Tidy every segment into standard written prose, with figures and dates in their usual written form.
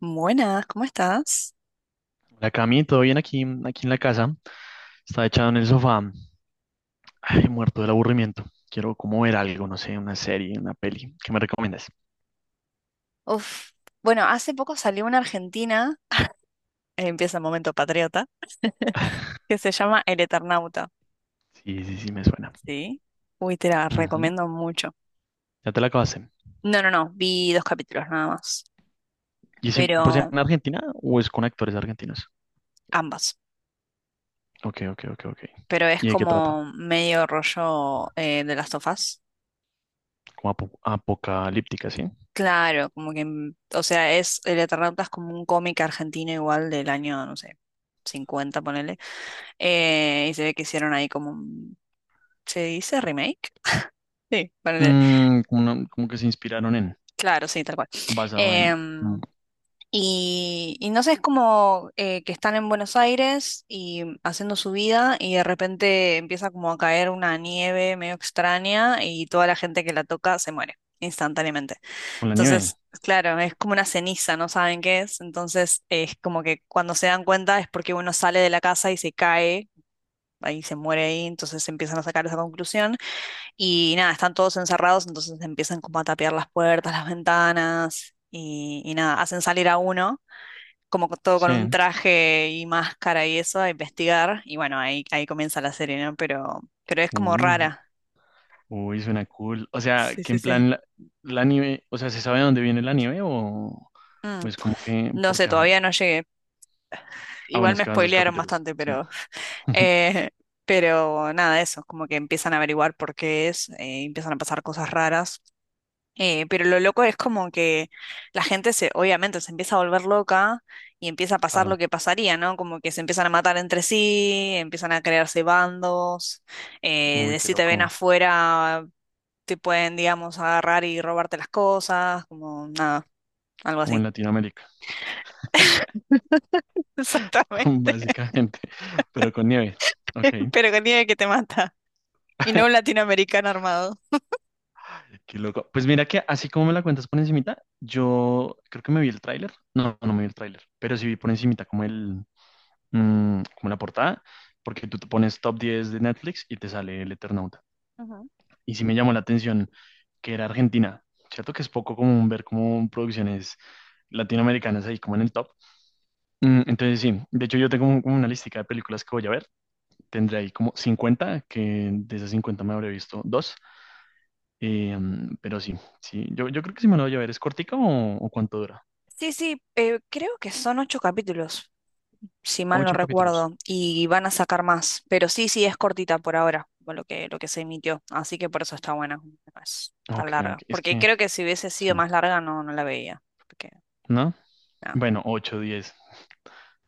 Buenas, ¿cómo estás? Hola Cami, ¿todo bien aquí en la casa? Estaba echado en el sofá, ay, muerto del aburrimiento. Quiero como ver algo, no sé, una serie, una peli. ¿Qué me recomiendas? Uf. Bueno, hace poco salió una argentina, empieza el momento patriota, que se llama El Eternauta. Sí, sí, sí, me suena. Sí. Uy, te la Ujú, recomiendo mucho. ya te la acabaste. No, no, no, vi dos capítulos nada más, ¿Y es 100% pero en Argentina o es con actores argentinos? ambas. Ok, ok, ok, ok. Pero es ¿Y de qué trata? como medio rollo de las tofas. Como apocalíptica, ¿sí? Claro, como que, o sea, es El Eternauta es como un cómic argentino igual del año, no sé, 50 ponele. Y se ve que hicieron ahí como, ¿se dice remake? Sí, para leer. Mm, como, como que se inspiraron en, Claro, sí, tal cual. basado en, mm, Em, y no sé, es como que están en Buenos Aires y haciendo su vida y de repente empieza como a caer una nieve medio extraña y toda la gente que la toca se muere instantáneamente. con la nieve. Entonces, claro, es como una ceniza, no saben qué es. Entonces, es como que cuando se dan cuenta es porque uno sale de la casa y se cae, ahí se muere ahí, entonces empiezan a sacar esa conclusión. Y nada, están todos encerrados, entonces empiezan como a tapiar las puertas, las ventanas y nada, hacen salir a uno, como todo con un Sí. traje y máscara y eso, a investigar. Y bueno, ahí comienza la serie, ¿no? Pero es como rara. Uy, suena cool. O sea, Sí, que sí, en sí. plan la nieve, o sea, ¿se sabe de dónde viene la nieve o Mm, es como que, No sé, porque, ajá? todavía no llegué. Ah, bueno, Igual es me que van dos spoilearon capítulos, bastante, sí. pero, eh, pero nada, eso, como que empiezan a averiguar por qué es, empiezan a pasar cosas raras. Pero lo loco es como que la gente se, obviamente, se empieza a volver loca y empieza a pasar Claro. lo que pasaría, ¿no? Como que se empiezan a matar entre sí, empiezan a crearse bandos, Uy, de qué si te ven loco. afuera te pueden, digamos, agarrar y robarte las cosas, como nada, algo Como en así. Latinoamérica, Exactamente. básicamente, pero con nieve. Ok, Pero que tiene que te mata. Y no un latinoamericano armado. qué loco. Pues mira que así como me la cuentas por encimita, yo creo que me vi el tráiler. No, no me vi el tráiler, pero sí vi por encimita como el, mm, como la portada, porque tú te pones top 10 de Netflix y te sale el Eternauta. Ujú. Y sí me llamó la atención que era Argentina. Cierto que es poco común ver como producciones latinoamericanas ahí como en el top. Mm, entonces sí, de hecho yo tengo como una listica de películas que voy a ver. Tendré ahí como cincuenta, que de esas 50 me habré visto dos. Pero sí, sí, yo creo que sí me lo voy a ver. ¿Es cortica o cuánto dura? Sí, sí, creo que son ocho capítulos, si mal no Ocho capítulos. recuerdo, y van a sacar más, pero sí, sí, es cortita por ahora, por lo que se emitió, así que por eso está buena, no es tan Ok, larga, ok, es porque que, creo que si hubiese sí, sido más larga no, no la veía, porque, ¿no? no, Bueno, ocho, diez,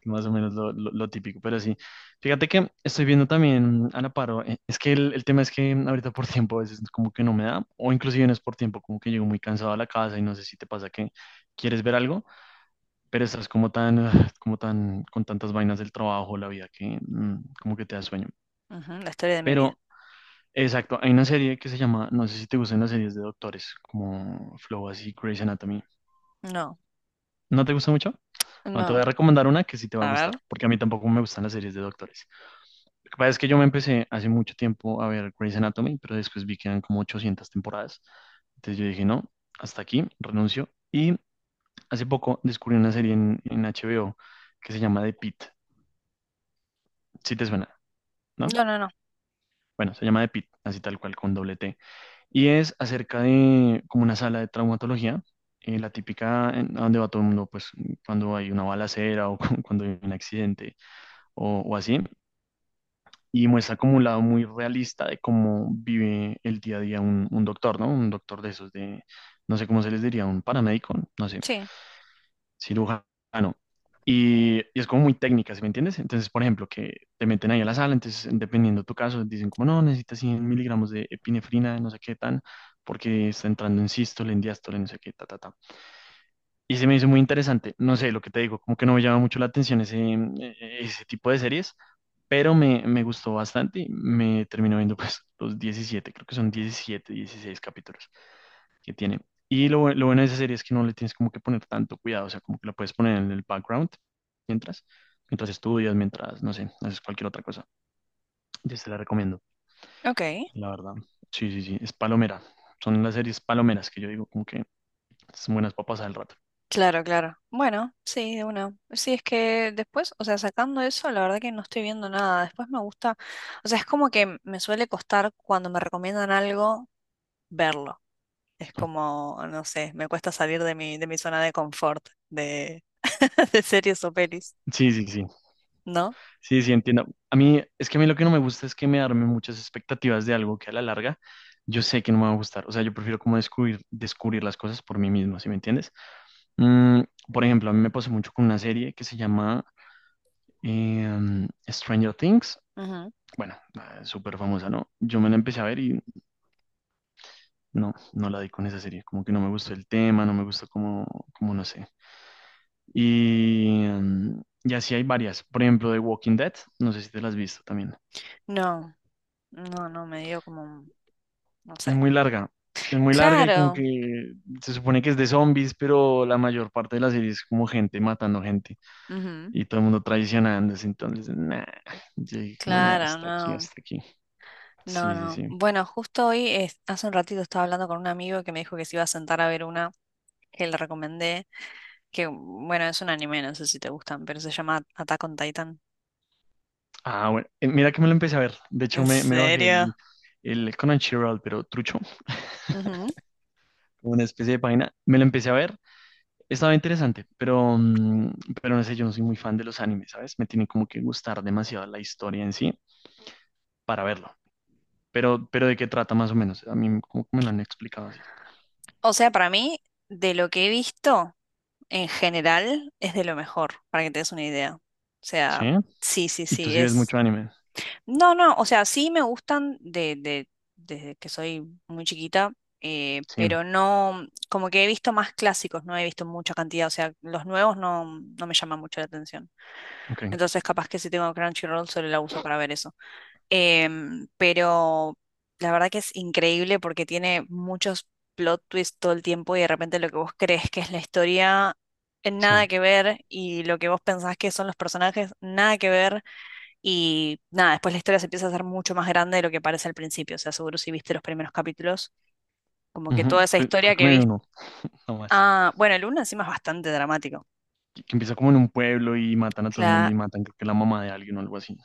más o menos lo típico, pero sí. Fíjate que estoy viendo también a la paro. Es que el tema es que ahorita por tiempo a veces como que no me da, o inclusive no es por tiempo, como que llego muy cansado a la casa y no sé si te pasa que quieres ver algo, pero estás como tan, ah, como tan, con tantas vainas del trabajo, la vida, que como que te da sueño. ujú, la historia de mi vida. Pero, exacto, hay una serie que se llama, no sé si te gustan las series de doctores, como Flow así, Grey's Anatomy. No, ¿No te gusta mucho? Bueno, te no. voy a recomendar una que sí te va a A ver. gustar, porque a mí tampoco me gustan las series de doctores. Lo que pasa es que yo me empecé hace mucho tiempo a ver Grey's Anatomy, pero después vi que eran como 800 temporadas. Entonces yo dije, no, hasta aquí, renuncio. Y hace poco descubrí una serie en HBO que se llama The Pitt, si te suena, ¿no? No, no, no. Bueno, se llama The Pitt, así tal cual, con doble T. Y es acerca de como una sala de traumatología, la típica a donde va todo el mundo, pues cuando hay una balacera o cuando hay un accidente o así. Y muestra como un lado muy realista de cómo vive el día a día un doctor, ¿no? Un doctor de esos de, no sé cómo se les diría, un paramédico, no sé, Sí. cirujano. Y es como muy técnica, ¿sí me entiendes? Entonces, por ejemplo, que te meten ahí a la sala, entonces, dependiendo de tu caso, dicen como, no, necesitas 100 miligramos de epinefrina, no sé qué tan, porque está entrando en sístole, en diástole, no sé qué, ta, ta, ta. Y se me hizo muy interesante. No sé, lo que te digo, como que no me llama mucho la atención ese tipo de series, pero me gustó bastante. Y me terminó viendo pues los diecisiete, creo que son 17 16 capítulos que tiene. Y lo bueno de esa serie es que no le tienes como que poner tanto cuidado, o sea, como que la puedes poner en el background mientras, mientras estudias, mientras, no sé, haces cualquier otra cosa. Yo te la recomiendo, Ok. la verdad. Sí, sí, sí, es palomera. Son las series palomeras que yo digo como que son buenas papas al rato. Claro, claro. Bueno, sí, de una. Sí, es que después, o sea, sacando eso, la verdad que no estoy viendo nada. Después me gusta, o sea, es como que me suele costar cuando me recomiendan algo verlo. Es como, no sé, me cuesta salir de mi zona de confort de, de series o pelis, Sí, sí, sí. ¿no? Sí, sí, entiendo. A mí, es que a mí lo que no me gusta es que me arme muchas expectativas de algo que a la larga yo sé que no me va a gustar. O sea, yo prefiero como descubrir las cosas por mí mismo, ¿sí me entiendes? Mm, por ejemplo, a mí me pasó mucho con una serie que se llama Stranger Things. Ujú. Bueno, súper famosa, ¿no? Yo me la empecé a ver y no, no la di con esa serie. Como que no me gustó el tema, no me gustó como no sé. Y, mm, y así hay varias. Por ejemplo, The Walking Dead, no sé si te las has visto también. No, no, no, me dio como, no Es sé. muy larga. Es muy larga y como Claro. que se supone que es de zombies, pero la mayor parte de la serie es como gente matando gente Ujú. y todo el mundo traicionándose. Entonces, nah, yo dije como, nah, Claro, no. hasta aquí. No, Sí, sí, no. sí. Bueno, justo hoy, hace un ratito estaba hablando con un amigo que me dijo que se iba a sentar a ver una que le recomendé, que bueno, es un anime, no sé si te gustan, pero se llama Attack on Titan. Ah, bueno, mira que me lo empecé a ver. De hecho, ¿En me bajé serio? el Crunchyroll, pero trucho, Ujú. como una especie de página. Me lo empecé a ver. Estaba interesante, pero, mm, pero no sé, yo no soy muy fan de los animes, ¿sabes? Me tiene como que gustar demasiado la historia en sí para verlo. Pero ¿de qué trata más o menos? A mí como que me lo han explicado así. O sea, para mí, de lo que he visto en general, es de lo mejor, para que te des una idea. O ¿Sí? sea, sí, sí, ¿Y tú sí, sí ves es. mucho anime? No, no, o sea, sí me gustan desde que soy muy chiquita, Sí. pero no, como que he visto más clásicos, no he visto mucha cantidad, o sea, los nuevos no, no me llaman mucho la atención. Ok. Entonces, capaz que si tengo Crunchyroll solo la uso para ver eso. Pero la verdad que es increíble porque tiene muchos plot twists todo el tiempo y de repente lo que vos crees que es la historia, Sí. nada que ver, y lo que vos pensás que son los personajes, nada que ver. Y nada, después la historia se empieza a hacer mucho más grande de lo que parece al principio. O sea, seguro si viste los primeros capítulos, como que Ujú. toda esa Creo historia que que me vi viste. uno, nomás. Ah, bueno, el uno encima es bastante dramático. Que empieza como en un pueblo y matan a todo el mundo Cla- y matan, creo que la mamá de alguien o algo así.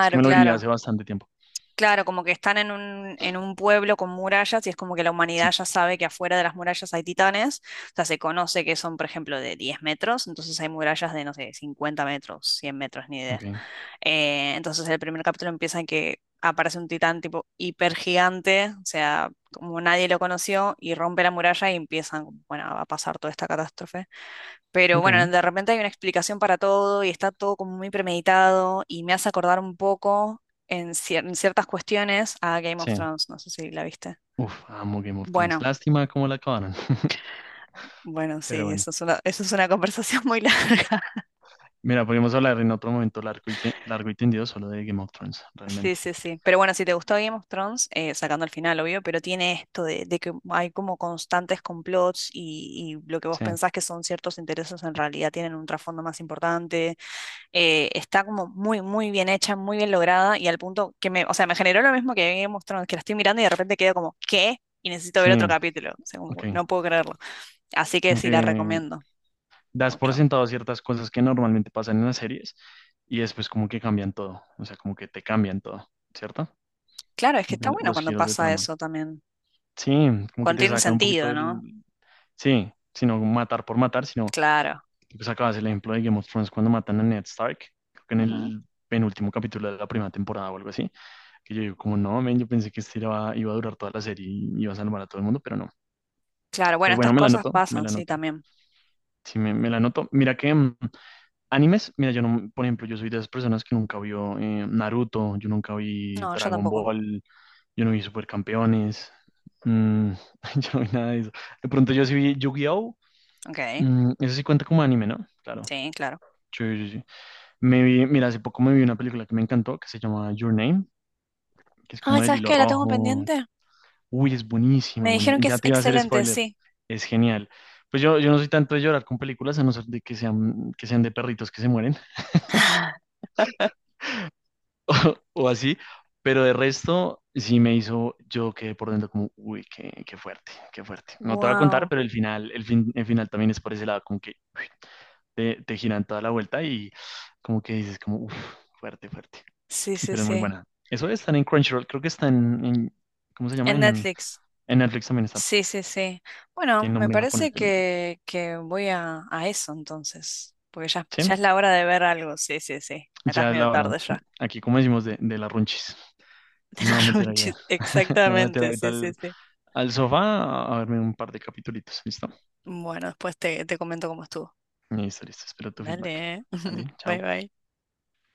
Es que me lo vi hace claro. bastante tiempo. Claro, como que están en un pueblo con murallas y es como que la humanidad Sí. ya sabe que afuera de las murallas hay titanes. O sea, se conoce que son, por ejemplo, de 10 metros, entonces hay murallas de, no sé, 50 metros, 100 metros, ni idea. Ok. Entonces el primer capítulo empieza en que aparece un titán tipo hiper gigante, o sea, como nadie lo conoció, y rompe la muralla y empiezan, como, bueno, a pasar toda esta catástrofe. Pero Ok. bueno, de repente hay una explicación para todo y está todo como muy premeditado y me hace acordar un poco en ciertas cuestiones a Game of Sí. Thrones, no sé si la viste. Uf, amo Game of Thrones. Bueno, Lástima cómo la acabaron. bueno, Pero sí, bueno. eso es una conversación muy larga. Mira, podemos hablar en otro momento largo y largo y tendido solo de Game of Thrones, Sí, realmente. sí, sí. Pero bueno, si te gustó Game of Thrones, sacando el final, obvio, pero tiene esto de que hay como constantes complots y lo que vos Sí. pensás que son ciertos intereses en realidad tienen un trasfondo más importante. Está como muy, muy bien hecha, muy bien lograda y al punto que me, o sea, me generó lo mismo que Game of Thrones, que la estoy mirando y de repente quedo como, ¿qué? Y necesito Sí. ver otro capítulo. O sea, como, Ok. no puedo creerlo. Así que Como sí, que la recomiendo das por mucho. sentado ciertas cosas que normalmente pasan en las series y después como que cambian todo, o sea, como que te cambian todo, ¿cierto? Claro, es que Como que está bueno los cuando giros de pasa trama. eso también. Sí, como que Cuando te tiene sacan un poquito sentido, ¿no? del... Sí, sino matar por matar, sino Claro. tú sacabas el ejemplo de Game of Thrones cuando matan a Ned Stark, creo que en el penúltimo capítulo de la primera temporada o algo así, que yo digo como no, men, yo pensé que este iba a durar toda la serie y iba a salvar a todo el mundo, pero no. Claro, bueno, Pues bueno, estas cosas me pasan, la sí, noto. también. Sí, me la noto. Mira que... mm, animes, mira, yo no, por ejemplo, yo soy de esas personas que nunca vio Naruto, yo nunca vi No, yo Dragon tampoco. Ball, yo no vi Supercampeones, mm, yo no vi nada de eso. De pronto yo sí vi Yu-Gi-Oh! Ok, Mm, eso sí cuenta como anime, ¿no? Claro. sí, claro. Sí, sí, sí. Me vi, mira, hace poco me vi una película que me encantó, que se llama Your Name, que es Ay, como el ¿sabes hilo qué? La tengo rojo. pendiente. Uy, es buenísima, Me dijeron buenísima. que Ya es te iba a hacer excelente, spoiler. sí. Es genial. Pues yo no soy tanto de llorar con películas, a no ser de que sean de perritos que se mueren, o así, pero de resto sí me hizo, yo quedé por dentro como, uy, qué, qué fuerte, qué fuerte. No te voy a contar, Wow. pero el final, el final también es por ese lado, como que te giran toda la vuelta y como que dices como, uff, fuerte, fuerte, Sí, sí, pero es muy sí. buena. Eso de estar en Crunchyroll, creo que está ¿cómo se llama? En Netflix. En Netflix también está, Sí, sí, sí. Bueno, tiene me nombre en japonés, parece pero que voy a eso entonces. Porque ya, sí, ya es la hora de ver algo. Sí, sí, sí. Acá es ya es medio la hora. tarde ya. Aquí, como decimos, de las runchis. Entonces De me voy a los meter allá. runchis. Me voy a meter Exactamente, ahorita sí, sí, sí. al sofá a verme un par de capitulitos, ¿listo? Bueno, después te comento cómo estuvo. Listo, listo. Espero tu feedback. Dale. Vale, Bye, chao. bye.